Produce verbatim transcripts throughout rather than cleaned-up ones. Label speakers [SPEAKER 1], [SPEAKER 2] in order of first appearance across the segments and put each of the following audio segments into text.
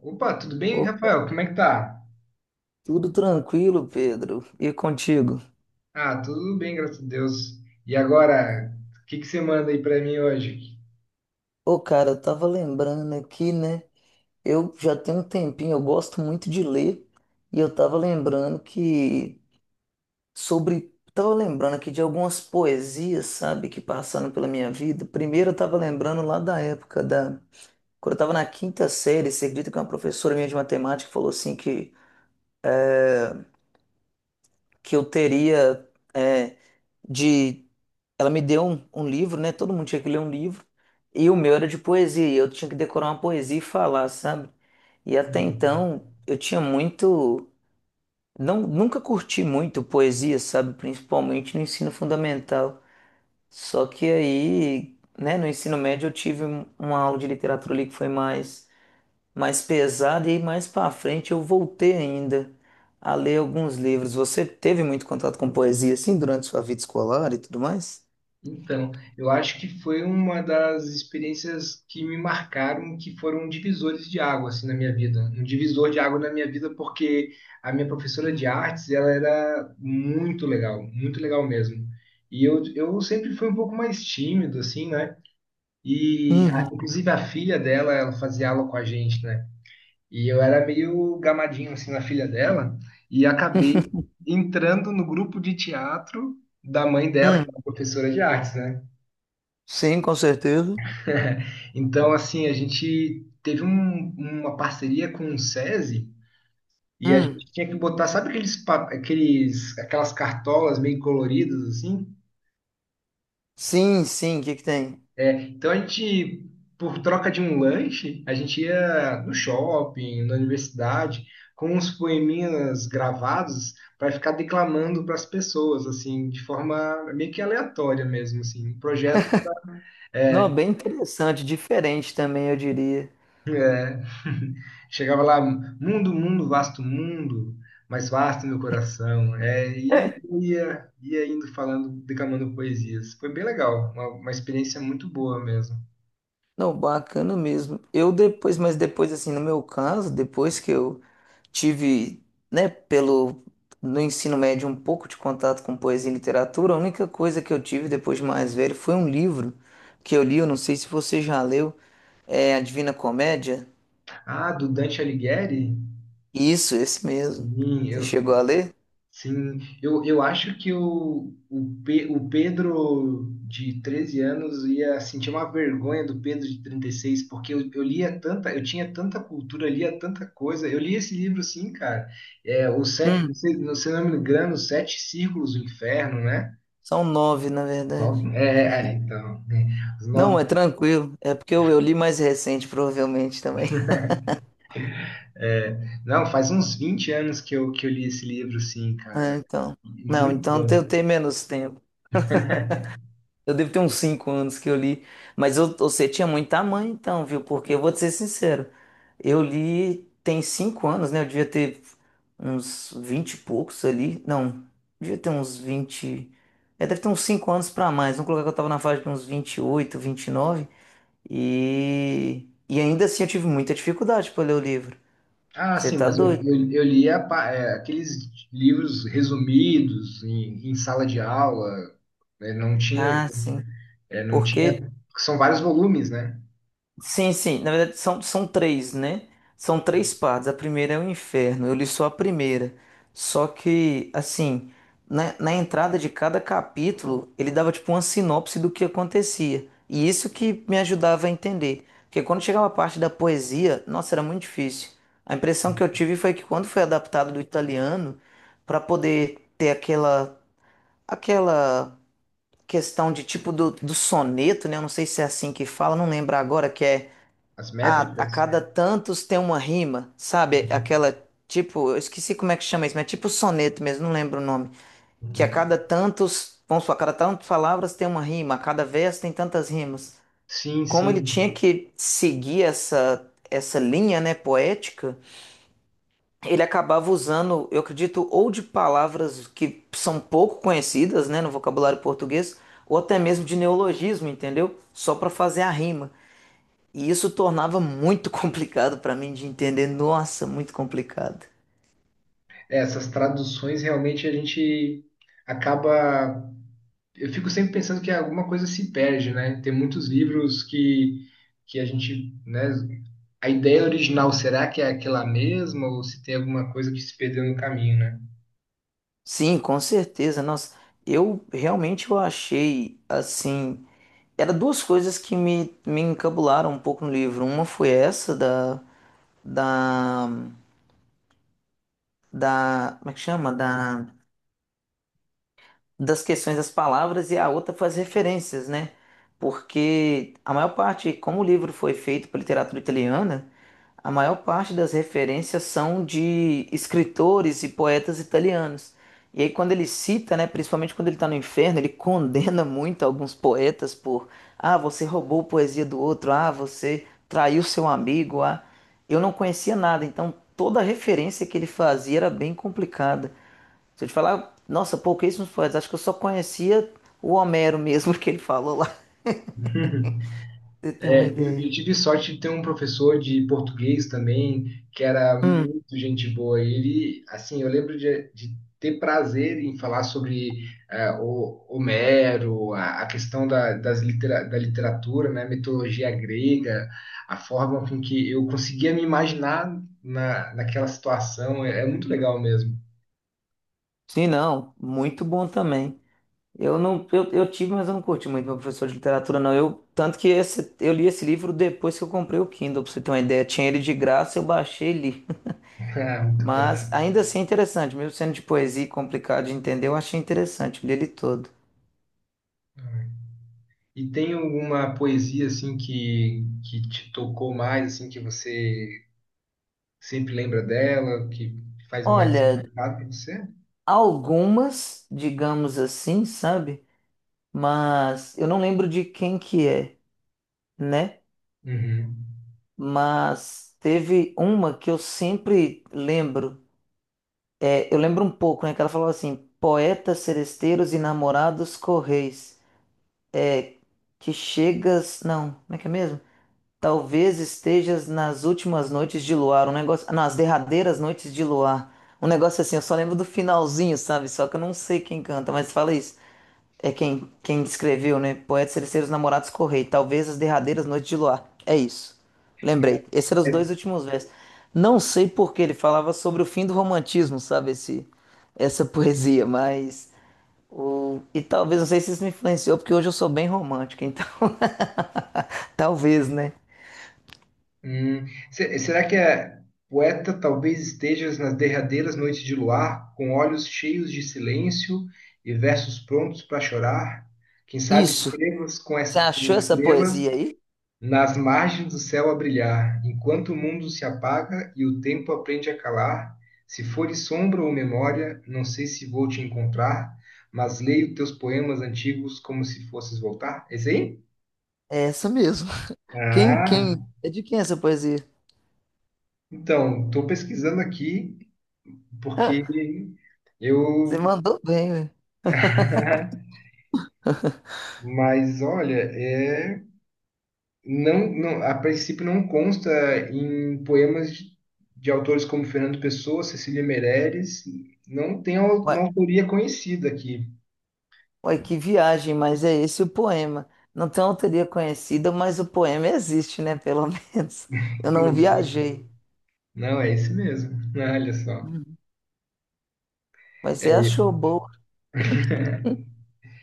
[SPEAKER 1] Opa, tudo bem,
[SPEAKER 2] Ô,
[SPEAKER 1] Rafael? Como é que tá?
[SPEAKER 2] tudo tranquilo, Pedro. E contigo?
[SPEAKER 1] Ah, tudo bem, graças a Deus. E agora, o que que você manda aí pra mim hoje?
[SPEAKER 2] Ô, cara, eu tava lembrando aqui, né? Eu já tenho um tempinho, eu gosto muito de ler, e eu tava lembrando que sobre. Tava lembrando aqui de algumas poesias, sabe, que passaram pela minha vida. Primeiro eu tava lembrando lá da época da. Quando eu tava na quinta série, você acredita que uma professora minha de matemática falou assim que, que eu teria. É, de Ela me deu um, um livro, né? Todo mundo tinha que ler um livro. E o meu era de poesia. E eu tinha que decorar uma poesia e falar, sabe? E até
[SPEAKER 1] Uhum.
[SPEAKER 2] então eu tinha muito. Não, nunca curti muito poesia, sabe? Principalmente no ensino fundamental. Só que aí, né, no ensino médio eu tive um- uma aula de literatura ali que foi mais, mais pesada. E aí, mais pra frente eu voltei ainda a ler alguns livros. Você teve muito contato com poesia, assim, durante sua vida escolar e tudo mais?
[SPEAKER 1] Então, eu acho que foi uma das experiências que me marcaram, que foram divisores de água assim na minha vida. Um divisor de água na minha vida porque a minha professora de artes, ela era muito legal, muito legal mesmo. E eu, eu sempre fui um pouco mais tímido assim, né? E a-
[SPEAKER 2] Uhum.
[SPEAKER 1] inclusive a filha dela, ela fazia aula com a gente, né? E eu era meio gamadinho assim na filha dela e acabei entrando no grupo de teatro da mãe dela, que é uma
[SPEAKER 2] Hum,
[SPEAKER 1] professora de artes, né?
[SPEAKER 2] sim, com certeza.
[SPEAKER 1] Então, assim, a gente teve um- uma parceria com o SESI e a
[SPEAKER 2] Hum,
[SPEAKER 1] gente tinha que botar, sabe aqueles, pa- aqueles aquelas cartolas meio coloridas assim?
[SPEAKER 2] sim, sim, o que que tem?
[SPEAKER 1] Então a gente, por troca de um lanche, a gente ia no shopping, na universidade, com uns poeminhas gravados para ficar declamando para as pessoas, assim, de forma meio que aleatória mesmo, assim, um projeto.
[SPEAKER 2] Não,
[SPEAKER 1] é,
[SPEAKER 2] bem interessante, diferente também, eu diria.
[SPEAKER 1] Chegava lá, mundo, mundo, vasto mundo, mais vasto meu coração. É, e ia, ia indo falando, declamando poesias. Foi bem legal, uma, uma experiência muito boa mesmo.
[SPEAKER 2] Não, bacana mesmo. Eu depois, mas depois, assim, no meu caso, depois que eu tive, né, pelo, no ensino médio, um pouco de contato com poesia e literatura, a única coisa que eu tive depois de mais velho foi um livro que eu li, eu não sei se você já leu, é A Divina Comédia.
[SPEAKER 1] Ah, do Dante Alighieri?
[SPEAKER 2] Isso, esse mesmo.
[SPEAKER 1] Sim,
[SPEAKER 2] Você
[SPEAKER 1] eu,
[SPEAKER 2] chegou a ler?
[SPEAKER 1] Sim, eu, eu acho que o, o, Pe- o Pedro de treze anos ia sentir uma vergonha do Pedro de trinta e seis, porque eu, eu lia tanta, eu tinha tanta cultura, lia tanta coisa. Eu li esse livro, sim, cara. É, o sete, não
[SPEAKER 2] Hum,
[SPEAKER 1] sei, não sei o nome do grano, Os Sete Círculos do Inferno, né?
[SPEAKER 2] são nove, na verdade.
[SPEAKER 1] Nove, é, é, é, então, né? Os
[SPEAKER 2] Não,
[SPEAKER 1] nove,
[SPEAKER 2] é tranquilo. É porque eu, eu li mais recente, provavelmente também.
[SPEAKER 1] é, não, faz uns vinte anos que eu, que eu li esse livro, sim,
[SPEAKER 2] Ah,
[SPEAKER 1] cara.
[SPEAKER 2] então. Não,
[SPEAKER 1] Muito
[SPEAKER 2] então
[SPEAKER 1] bom.
[SPEAKER 2] eu tenho menos tempo. Eu devo ter uns cinco anos que eu li. Mas eu, você tinha muito tamanho, então, viu? Porque eu vou te ser sincero. Eu li tem cinco anos, né? Eu devia ter uns vinte e poucos ali. Não, devia ter uns vinte. É, deve ter uns cinco anos pra mais. Vamos colocar que eu tava na faixa de uns vinte e oito, vinte e nove. E, nove. e e ainda assim eu tive muita dificuldade pra ler o livro.
[SPEAKER 1] Ah,
[SPEAKER 2] Você
[SPEAKER 1] sim,
[SPEAKER 2] tá
[SPEAKER 1] mas eu,
[SPEAKER 2] doido?
[SPEAKER 1] eu, eu li pa- é, aqueles livros resumidos em, em sala de aula, né? Não tinha,
[SPEAKER 2] Ah, sim.
[SPEAKER 1] é, não tinha,
[SPEAKER 2] Porque,
[SPEAKER 1] porque são vários volumes, né?
[SPEAKER 2] sim, sim, na verdade são, são três, né? São três partes. A primeira é o inferno, eu li só a primeira. Só que, assim, na, na entrada de cada capítulo, ele dava tipo uma sinopse do que acontecia. E isso que me ajudava a entender. Porque quando chegava a parte da poesia, nossa, era muito difícil. A impressão que eu tive foi que quando foi adaptado do italiano, para poder ter aquela, aquela questão de tipo do, do soneto, né? Eu não sei se é assim que fala, não lembro agora, que é.
[SPEAKER 1] As
[SPEAKER 2] a, a
[SPEAKER 1] métricas.
[SPEAKER 2] cada tantos tem uma rima, sabe?
[SPEAKER 1] Uhum.
[SPEAKER 2] Aquela tipo, eu esqueci como é que chama isso, mas é tipo soneto mesmo, não lembro o nome. Que a
[SPEAKER 1] Uhum.
[SPEAKER 2] cada tantos, vamos supor, a cada tantas palavras tem uma rima, a cada verso tem tantas rimas.
[SPEAKER 1] Sim,
[SPEAKER 2] Como ele
[SPEAKER 1] sim.
[SPEAKER 2] tinha que seguir essa essa linha, né, poética, ele acabava usando, eu acredito, ou de palavras que são pouco conhecidas, né, no vocabulário português, ou até mesmo de neologismo, entendeu? Só para fazer a rima. E isso tornava muito complicado para mim de entender. Nossa, muito complicado.
[SPEAKER 1] É, essas traduções realmente a gente acaba. Eu fico sempre pensando que alguma coisa se perde, né? Tem muitos livros que, que a gente, né? A ideia original, será que é aquela mesma ou se tem alguma coisa que se perdeu no caminho, né?
[SPEAKER 2] Sim, com certeza. Nossa, eu realmente eu achei assim. Era duas coisas que me, me encabularam um pouco no livro. Uma foi essa da, da, da, como é que chama? Da das questões das palavras e a outra foi as referências, né? Porque a maior parte, como o livro foi feito por literatura italiana, a maior parte das referências são de escritores e poetas italianos. E aí quando ele cita, né, principalmente quando ele está no inferno, ele condena muito alguns poetas por, ah, você roubou poesia do outro, ah, você traiu seu amigo, ah. Eu não conhecia nada, então toda referência que ele fazia era bem complicada. Se eu te falar, nossa, pouquíssimos poetas. Acho que eu só conhecia o Homero mesmo que ele falou lá. Você tem uma
[SPEAKER 1] É, eu,
[SPEAKER 2] ideia?
[SPEAKER 1] eu tive sorte de ter um professor de português também, que era
[SPEAKER 2] Hum.
[SPEAKER 1] muito gente boa. Ele, assim, eu lembro de, de ter prazer em falar sobre eh, o Homero, a, a questão da, das litera, da literatura, né, mitologia grega, a forma com que eu conseguia me imaginar na, naquela situação. É, é muito legal mesmo.
[SPEAKER 2] Sim, não. Muito bom também. Eu não, eu, eu tive, mas eu não curti muito meu professor de literatura, não. Eu, tanto que esse, eu li esse livro depois que eu comprei o Kindle, pra você ter uma ideia. Tinha ele de graça, eu baixei e li.
[SPEAKER 1] Ah, muito
[SPEAKER 2] Mas
[SPEAKER 1] bom.
[SPEAKER 2] ainda assim é interessante, mesmo sendo de poesia e complicado de entender, eu achei interessante, eu li ele todo.
[SPEAKER 1] E tem alguma poesia assim que, que te tocou mais, assim, que você sempre lembra dela, que faz mais
[SPEAKER 2] Olha,
[SPEAKER 1] significado para você?
[SPEAKER 2] algumas, digamos assim, sabe? Mas eu não lembro de quem que é, né?
[SPEAKER 1] Uhum.
[SPEAKER 2] Mas teve uma que eu sempre lembro. É, eu lembro um pouco, né? Que ela falou assim: poetas, seresteiros e namorados correis, que chegas. Não, como é que é mesmo? Talvez estejas nas últimas noites de luar, um negócio. ah, Não, as derradeiras noites de luar. Um negócio assim, eu só lembro do finalzinho, sabe? Só que eu não sei quem canta, mas fala isso. É quem, quem escreveu, né? Poetas Terceiros Namorados Correi. Talvez as derradeiras noites de luar. É isso.
[SPEAKER 1] Mas,
[SPEAKER 2] Lembrei. Esses eram os dois
[SPEAKER 1] é,
[SPEAKER 2] últimos versos. Não sei por que ele falava sobre o fim do romantismo, sabe? Esse, essa poesia, mas. O, e talvez, não sei se isso me influenciou, porque hoje eu sou bem romântico, então. Talvez, né?
[SPEAKER 1] hum, se- será que é: poeta, talvez estejas nas derradeiras noites de luar, com olhos cheios de silêncio e versos prontos para chorar? Quem sabe
[SPEAKER 2] Isso.
[SPEAKER 1] escrevas com,
[SPEAKER 2] Você
[SPEAKER 1] essa, com
[SPEAKER 2] achou essa
[SPEAKER 1] estrelas
[SPEAKER 2] poesia aí?
[SPEAKER 1] nas margens do céu a brilhar, enquanto o mundo se apaga e o tempo aprende a calar, se fores sombra ou memória, não sei se vou te encontrar, mas leio teus poemas antigos como se fosses voltar. Esse aí?
[SPEAKER 2] É essa mesmo. Quem, quem?
[SPEAKER 1] Ah,
[SPEAKER 2] É de quem essa poesia?
[SPEAKER 1] então, estou pesquisando aqui porque
[SPEAKER 2] Você
[SPEAKER 1] eu.
[SPEAKER 2] mandou bem, né?
[SPEAKER 1] Mas olha, é. Não, não, a princípio não consta em poemas de, de autores como Fernando Pessoa, Cecília Meirelles, não tem au- uma autoria conhecida aqui.
[SPEAKER 2] Ué, que viagem, mas é esse o poema. Não tem autoria conhecida, mas o poema existe, né? Pelo menos. Eu
[SPEAKER 1] Que
[SPEAKER 2] não
[SPEAKER 1] loucura.
[SPEAKER 2] viajei.
[SPEAKER 1] Não, é esse mesmo. Olha só.
[SPEAKER 2] Uhum. Mas você achou boa.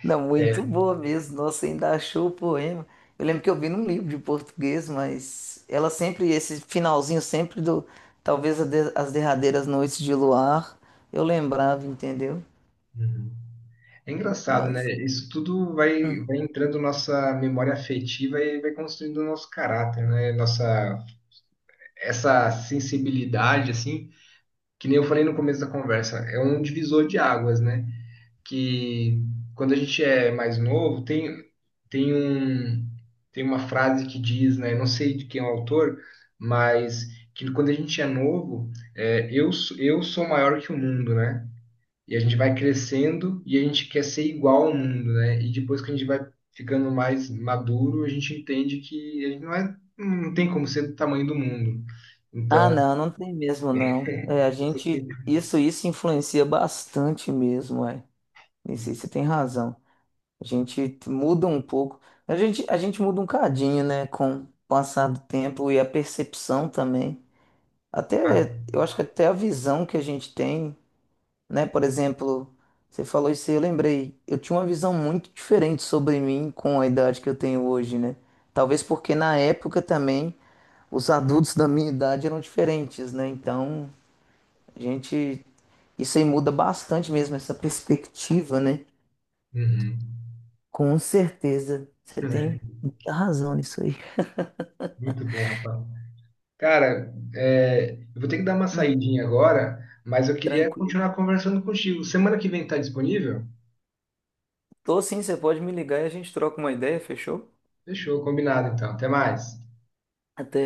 [SPEAKER 2] Não, muito
[SPEAKER 1] É.
[SPEAKER 2] boa mesmo. Nossa, ainda achou o poema. Eu lembro que eu vi num livro de português, mas ela sempre, esse finalzinho sempre do, talvez a de- as derradeiras noites de luar, eu lembrava, entendeu?
[SPEAKER 1] Uhum. É engraçado, né?
[SPEAKER 2] Mas.
[SPEAKER 1] Isso tudo vai,
[SPEAKER 2] Hum.
[SPEAKER 1] vai entrando nossa memória afetiva e vai construindo o nosso caráter, né? Nossa, essa sensibilidade, assim, que nem eu falei no começo da conversa, é um divisor de águas, né? Que quando a gente é mais novo, tem, tem um, tem uma frase que diz, né? Não sei de quem é o autor, mas que quando a gente é novo, é, eu, sou- eu sou maior que o mundo, né? E a gente vai crescendo e a gente quer ser igual ao mundo, né? E depois que a gente vai ficando mais maduro, a gente entende que a gente não é, não tem como ser do tamanho do mundo.
[SPEAKER 2] Ah,
[SPEAKER 1] Então,
[SPEAKER 2] não, não tem mesmo, não. É, a
[SPEAKER 1] vocês têm-
[SPEAKER 2] gente, isso, isso influencia bastante mesmo, é. Isso, aí você tem razão. A gente muda um pouco. A gente, a gente muda um cadinho, né? Com o passar do tempo e a percepção também. Até,
[SPEAKER 1] ah,
[SPEAKER 2] eu acho que até a visão que a gente tem, né? Por exemplo, você falou isso aí, eu lembrei. Eu tinha uma visão muito diferente sobre mim com a idade que eu tenho hoje, né? Talvez porque na época também os adultos da minha idade eram diferentes, né? Então, a gente. Isso aí muda bastante mesmo, essa perspectiva, né?
[SPEAKER 1] uhum.
[SPEAKER 2] Com certeza, você tem
[SPEAKER 1] É,
[SPEAKER 2] muita razão nisso aí.
[SPEAKER 1] muito bom, rapaz. Cara, é, eu vou ter que dar uma
[SPEAKER 2] Hum.
[SPEAKER 1] saidinha agora, mas eu queria
[SPEAKER 2] Tranquilo.
[SPEAKER 1] continuar conversando contigo. Semana que vem tá disponível?
[SPEAKER 2] Tô sim, você pode me ligar e a gente troca uma ideia, fechou?
[SPEAKER 1] Fechou, combinado então. Até mais.
[SPEAKER 2] Até.